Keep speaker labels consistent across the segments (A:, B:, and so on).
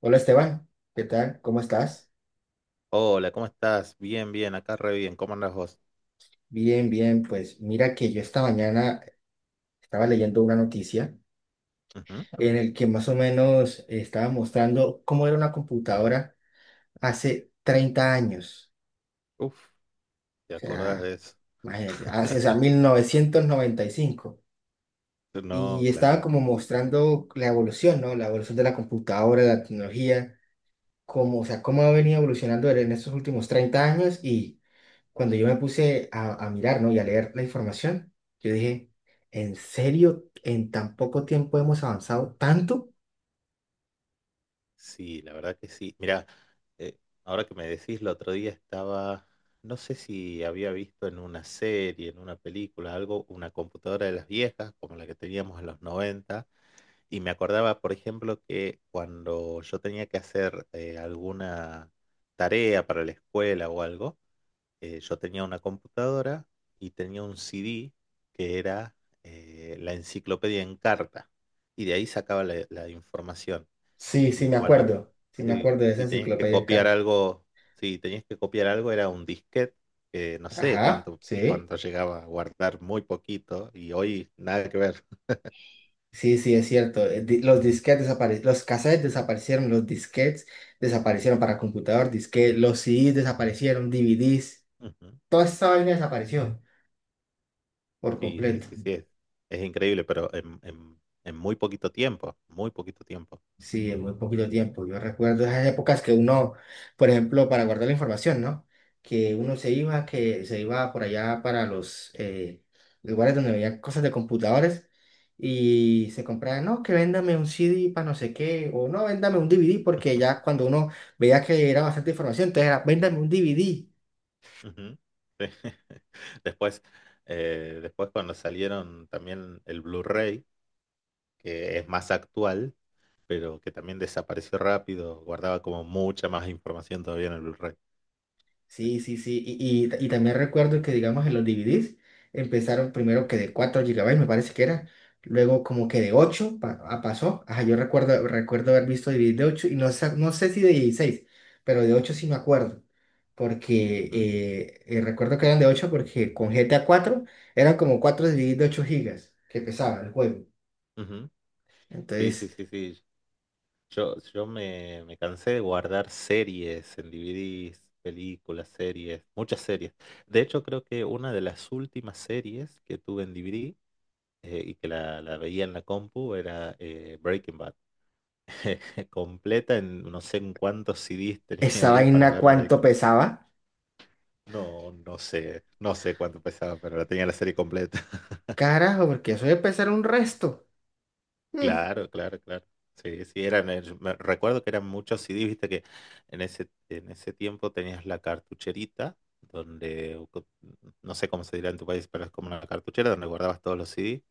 A: Hola Esteban, ¿qué tal? ¿Cómo estás?
B: Hola, ¿cómo estás? Bien, bien, acá re bien. ¿Cómo andás vos?
A: Bien, bien, pues mira que yo esta mañana estaba leyendo una noticia
B: Ujú.
A: en el que más o menos estaba mostrando cómo era una computadora hace 30 años,
B: Uf, ¿te
A: o
B: acordás de
A: sea,
B: eso?
A: imagínate, o sea, 1995. Y
B: No,
A: estaba
B: claro.
A: como mostrando la evolución, ¿no? La evolución de la computadora, la tecnología, cómo ha venido
B: Ujú.
A: evolucionando en estos últimos 30 años y cuando yo me puse a mirar, ¿no? Y a leer la información, yo dije, ¿en serio? ¿En tan poco tiempo hemos avanzado tanto?
B: Sí, la verdad que sí. Mirá, eh, ahora que me decís, el otro día estaba, no sé si había visto en una serie, en una película, algo, una computadora de las viejas, como la que teníamos en los 90, y me acordaba, por ejemplo, que cuando yo tenía que hacer alguna tarea para la escuela o algo, yo tenía una computadora y tenía un CD que era la enciclopedia en carta. Y de ahí sacaba la información.
A: Sí,
B: Y
A: sí, me
B: cuando
A: acuerdo. Sí, me
B: sí,
A: acuerdo de esa
B: y tenías que
A: enciclopedia en
B: copiar
A: carta.
B: algo, sí tenías que copiar algo, era un disquete, que no sé
A: Ajá,
B: cuánto,
A: sí.
B: cuánto llegaba a guardar, muy poquito, y hoy nada que ver.
A: Sí, sí, es cierto. Los disquetes desaparecieron, los cassettes desaparecieron, los disquetes desaparecieron para computador, disquete, los CDs desaparecieron, DVDs,
B: Ujú.
A: toda esa vaina desapareció por
B: Sí, sí,
A: completo.
B: sí, sí, es increíble, pero en, en muy poquito tiempo, muy poquito tiempo.
A: Sí, en muy poquito tiempo. Yo recuerdo esas épocas que uno, por ejemplo, para guardar la información, ¿no? Que uno se iba, que se iba por allá para los lugares donde veía cosas de computadores y se compraba, no, que véndame un CD para no sé qué, o no, véndame un DVD, porque ya cuando uno veía que era bastante información, entonces era, véndame un DVD.
B: Ujú. Sí. Después, después, cuando salieron también el Blu-ray, que es más actual, pero que también desapareció rápido, guardaba como mucha más información todavía en el Blu-ray.
A: Sí, sí, sí. Y también recuerdo que, digamos, en los DVDs empezaron primero
B: Ujú,
A: que de 4 gigabytes me parece que era. Luego como que de 8 pasó. Ajá, yo recuerdo haber visto DVDs de ocho y no, no sé si de 16 pero de 8 sí me acuerdo. Porque
B: ujú,
A: recuerdo que eran de 8 porque con GTA 4 eran como 4 DVDs de 8 GB que pesaba el juego.
B: ujú. Sí, sí,
A: Entonces,
B: sí, sí. Yo me cansé de guardar series en DVDs, películas, series, muchas series. De hecho, creo que una de las últimas series que tuve en DVD y que la veía en la compu era Breaking Bad. Completa en no sé en cuántos CDs tenía
A: esa
B: ahí para
A: vaina
B: ver
A: cuánto
B: Breaking.
A: pesaba.
B: No, no sé cuánto pesaba, pero la tenía la serie completa.
A: Carajo, porque eso debe pesar un resto.
B: Claro, claro, claro. Sí, sí, eran, recuerdo que eran muchos CDs, viste que en ese tiempo tenías la cartucherita, donde, no sé cómo se dirá en tu país, pero es como una cartuchera donde guardabas todos los CDs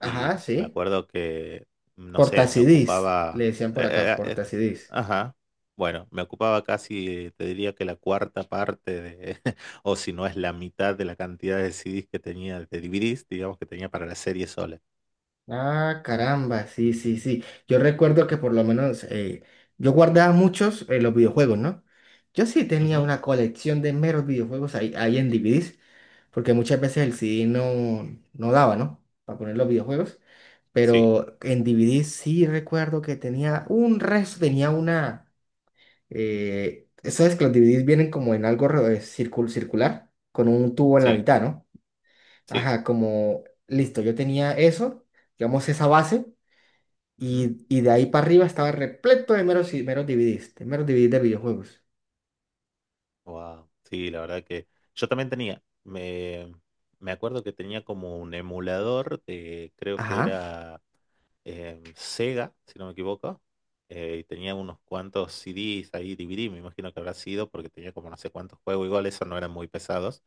B: y
A: Ajá,
B: me
A: sí.
B: acuerdo que, no sé, me
A: Portacidís, le
B: ocupaba,
A: decían por
B: eh,
A: acá,
B: eh, eh, eh,
A: portacidís.
B: ajá, bueno, me ocupaba casi, te diría que la cuarta parte de, o si no es la mitad de la cantidad de CDs que tenía, de DVDs, digamos, que tenía para la serie sola.
A: Ah, caramba, sí, sí, sí. Yo recuerdo que por lo menos yo guardaba muchos en los videojuegos, ¿no? Yo sí tenía
B: Ujú.
A: una colección de meros videojuegos ahí, ahí en DVDs, porque muchas veces el CD no, no daba, ¿no? Para poner los videojuegos.
B: Sí,
A: Pero en DVD sí recuerdo que tenía un resto, tenía una. ¿Sabes que los DVDs vienen como en algo circular? Con un tubo en la
B: sí,
A: mitad, ¿no?
B: sí.
A: Ajá, como, listo, yo tenía eso, digamos, esa base,
B: Ujú.
A: y de ahí para arriba estaba repleto de meros DVDs, de meros DVDs de videojuegos.
B: Wow, sí, la verdad que yo también tenía, me acuerdo que tenía como un emulador de, creo que
A: Ajá.
B: era... Sega, si no me equivoco, y tenía unos cuantos CDs ahí, DVD, me imagino que habrá sido, porque tenía como no sé cuántos juegos, igual esos no eran muy pesados,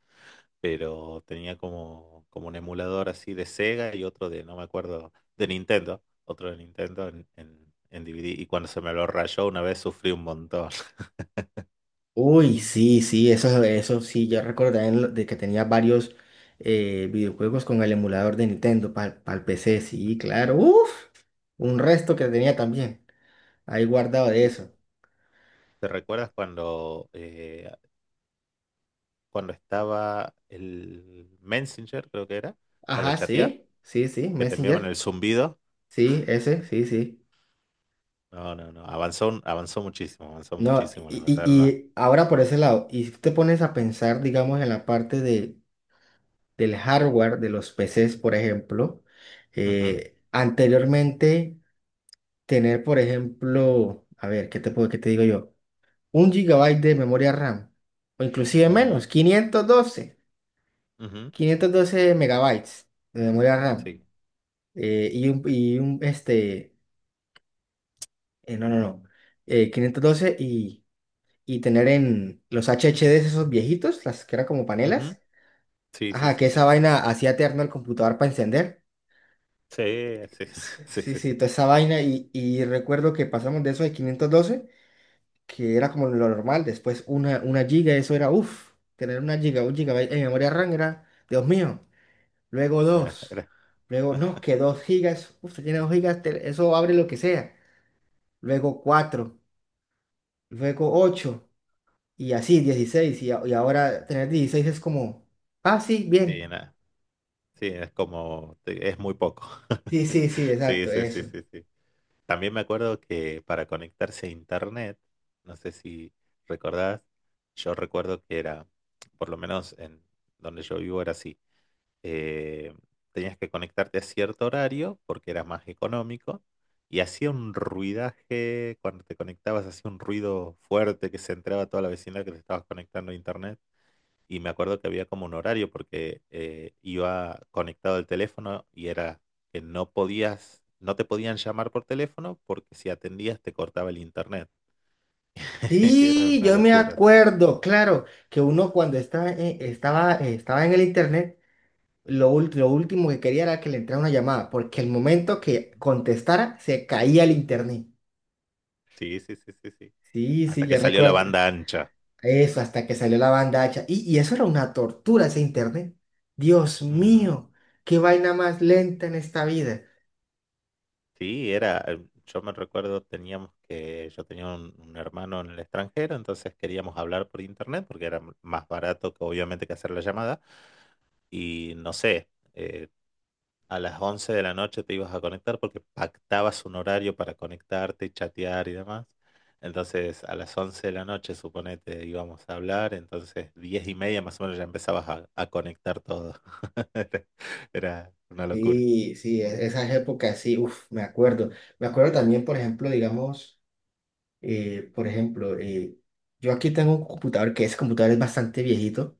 B: pero tenía como un emulador así de Sega y otro de, no me acuerdo, de Nintendo, otro de Nintendo en DVD, y cuando se me lo rayó una vez sufrí un montón.
A: Uy, sí, sí, eso sí, yo recuerdo también de que tenía varios videojuegos con el emulador de Nintendo para el PC, sí, claro, uff, un resto que tenía también, ahí guardado de
B: y-
A: eso.
B: ¿Te recuerdas cuando, cuando estaba el Messenger, creo que era, para
A: Ajá,
B: chatear,
A: sí, sí, sí,
B: que te enviaban el
A: Messenger,
B: zumbido?
A: sí, ese, sí, sí.
B: No, no, no. Avanzó muchísimo, avanzó
A: No,
B: muchísimo, la
A: y, y-
B: verdad, no.
A: y ahora por ese lado, y si te pones a pensar, digamos, en la parte del hardware de los PCs, por ejemplo,
B: Ujú,
A: anteriormente tener, por ejemplo, a ver, ¿qué te puedo, qué te digo yo? 1 gigabyte de memoria RAM, o inclusive
B: ujú,
A: menos,
B: ujú,
A: 512 megabytes de memoria RAM,
B: sí.
A: eh, y un, y un, este, no, no, no, 512 y tener en los HDDs esos viejitos, las que eran como
B: Ujú.
A: panelas.
B: Sí, sí,
A: Ajá, que
B: sí,
A: esa
B: sí.
A: vaina hacía eterno el computador para encender.
B: Sí, sí, sí,
A: Sí,
B: sí,
A: sí,
B: sí.
A: toda esa vaina. Y recuerdo que pasamos de eso de 512, que era como lo normal. Después una giga, eso era, uff, tener 1 giga, 1 gigabyte en memoria RAM era, Dios mío. Luego
B: Era-
A: dos.
B: era-
A: Luego, no, que 2 gigas. Uff, tiene 2 gigas, te- eso abre lo que sea. Luego cuatro. Luego ocho. Y así, 16. Y ahora tener 16 es como, ah, sí,
B: sí,
A: bien.
B: nada. Sí, es como, es muy poco.
A: Sí, sí, sí,
B: Sí,
A: exacto,
B: sí, sí,
A: eso.
B: sí, sí. También me acuerdo que para conectarse a internet, no sé si recordás, yo recuerdo que era, por lo menos en donde yo vivo era así. eh, tenías que conectarte a cierto horario porque era más económico y hacía un ruidaje, cuando te conectabas hacía un ruido fuerte que se entraba a toda la vecindad que te estabas conectando a internet y me acuerdo que había como un horario porque iba conectado el teléfono y era que no te podían llamar por teléfono porque si atendías te cortaba el internet. Era
A: Sí,
B: una
A: yo me
B: locura, sí.
A: acuerdo, claro, que uno cuando estaba en el internet, lo último que quería era que le entrara una llamada, porque el momento que
B: Ujú.
A: contestara se caía el internet.
B: Sí, sí, sí, sí, sí.
A: Sí, sí,
B: Hasta
A: yo
B: que salió la
A: recuerdo
B: banda ancha.
A: eso, hasta que salió la banda ancha. Y eso era una tortura, ese internet. Dios
B: Ujú.
A: mío, qué vaina más lenta en esta vida.
B: Sí, yo me recuerdo, yo tenía un hermano en el extranjero, entonces queríamos hablar por internet porque era más barato que obviamente que hacer la llamada. Y no sé, a las 11 de la noche te ibas a conectar porque pactabas un horario para conectarte y chatear y demás. Entonces a las 11 de la noche, suponete, íbamos a hablar, entonces 10 y media más o menos ya empezabas a conectar todo. Era una locura.
A: Sí, sí, esas épocas, sí, uff, me acuerdo. Me acuerdo también, por ejemplo, digamos. Eh, por ejemplo, eh, yo aquí tengo un computador que ese computador es bastante viejito.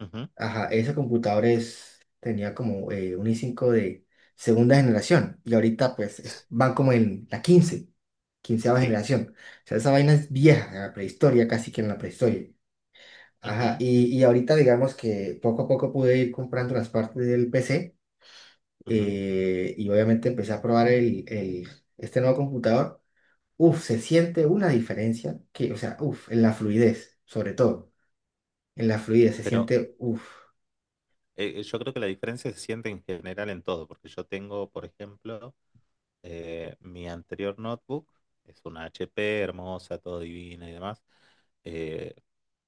B: Ujú.
A: Ajá, ese computador es, tenía como un i5 de segunda generación y ahorita pues van como en la quinceava
B: Sí.
A: generación. O sea, esa vaina es vieja, en la prehistoria, casi que en la prehistoria. Ajá,
B: Ujú,
A: y ahorita digamos que poco a poco pude ir comprando las partes del PC
B: ujú.
A: y obviamente empecé a probar este nuevo computador. Uf, se siente una diferencia que, o sea, uf, en la fluidez, sobre todo, en la fluidez se
B: Pero
A: siente, uf,
B: Yo creo que la diferencia se siente en general en todo, porque yo tengo, por ejemplo, mi anterior notebook, es una HP hermosa, todo divina y demás. eh,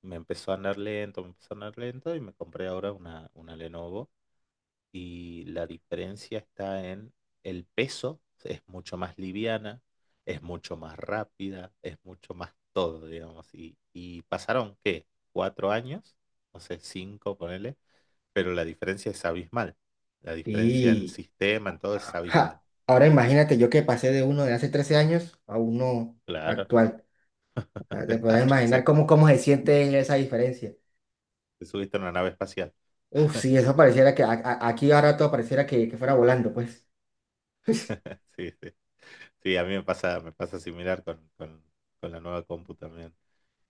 B: me empezó a andar lento, me empezó a andar lento y me compré ahora una Lenovo. Y la diferencia está en el peso, es mucho más liviana, es mucho más rápida, es mucho más todo, digamos. Y pasaron, ¿qué? ¿Cuatro años? No sé, cinco, ponele, pero la diferencia es abismal. La diferencia en
A: y...
B: sistema, en todo es abismal.
A: ajá. Ahora imagínate yo que pasé de uno de hace 13 años a uno
B: Claro,
A: actual. O sea, te puedes
B: claro,
A: imaginar
B: sí.
A: cómo, cómo se siente esa diferencia.
B: Te subiste a una nave espacial.
A: Uf, sí, eso pareciera que aquí ahora todo pareciera que fuera volando, pues.
B: Sí, sí. Sí, a mí me pasa similar con, con la nueva compu también.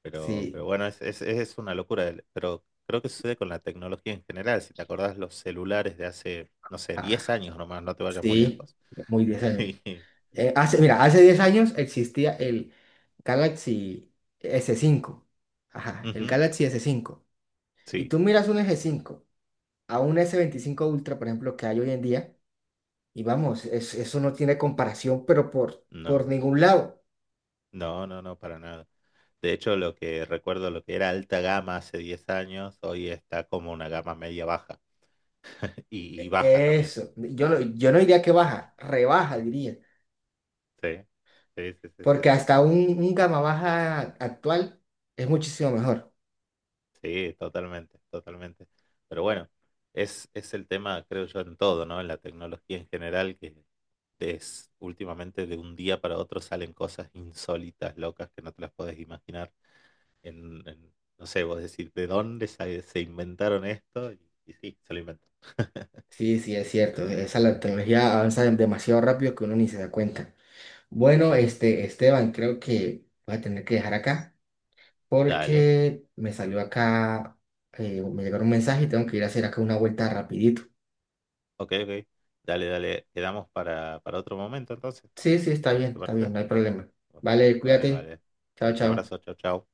B: Pero,
A: Sí,
B: pero bueno, es una locura. Pero creo que sucede con la tecnología en general. Si te acordás los celulares de hace, no sé,
A: ah,
B: 10 años nomás, no te vayas muy
A: sí,
B: lejos.
A: muy bien.
B: Y-
A: Mira, hace 10 años existía el Galaxy S5. Ajá, el
B: Ujú.
A: Galaxy S5. Y
B: Sí,
A: tú miras un S5 a un S25 Ultra, por ejemplo, que hay hoy en día, y vamos, eso no tiene comparación, pero por
B: no,
A: ningún lado.
B: no, no, no, para nada. De hecho, lo que recuerdo, lo que era alta gama hace 10 años, hoy está como una gama media baja y baja también.
A: Eso, yo no, yo no diría que baja, rebaja, diría.
B: Sí, sí, sí, sí, sí,
A: Porque
B: sí.
A: hasta un gama baja actual es muchísimo mejor.
B: Sí, totalmente, totalmente. Pero bueno, es el tema, creo yo, en todo, ¿no? En la tecnología en general, que es últimamente de un día para otro salen cosas insólitas, locas, que no te las podés imaginar. No sé, vos decir, ¿de dónde se inventaron esto? Y sí, se lo inventaron.
A: Sí, sí, es cierto. Esa la tecnología avanza demasiado rápido que uno ni se da cuenta. Bueno,
B: Sí,
A: este, Esteban, creo que voy a tener que dejar acá
B: dale.
A: porque me salió acá, me llegaron un mensaje y tengo que ir a hacer acá una vuelta rapidito.
B: Ok, ok. Dale, dale. Quedamos para, otro momento entonces.
A: Sí, sí,
B: ¿Te
A: está bien,
B: parece?
A: no hay problema.
B: Bueno,
A: Vale,
B: vale,
A: cuídate.
B: vale.
A: Chao,
B: Un
A: chao.
B: abrazo. Chao, chao.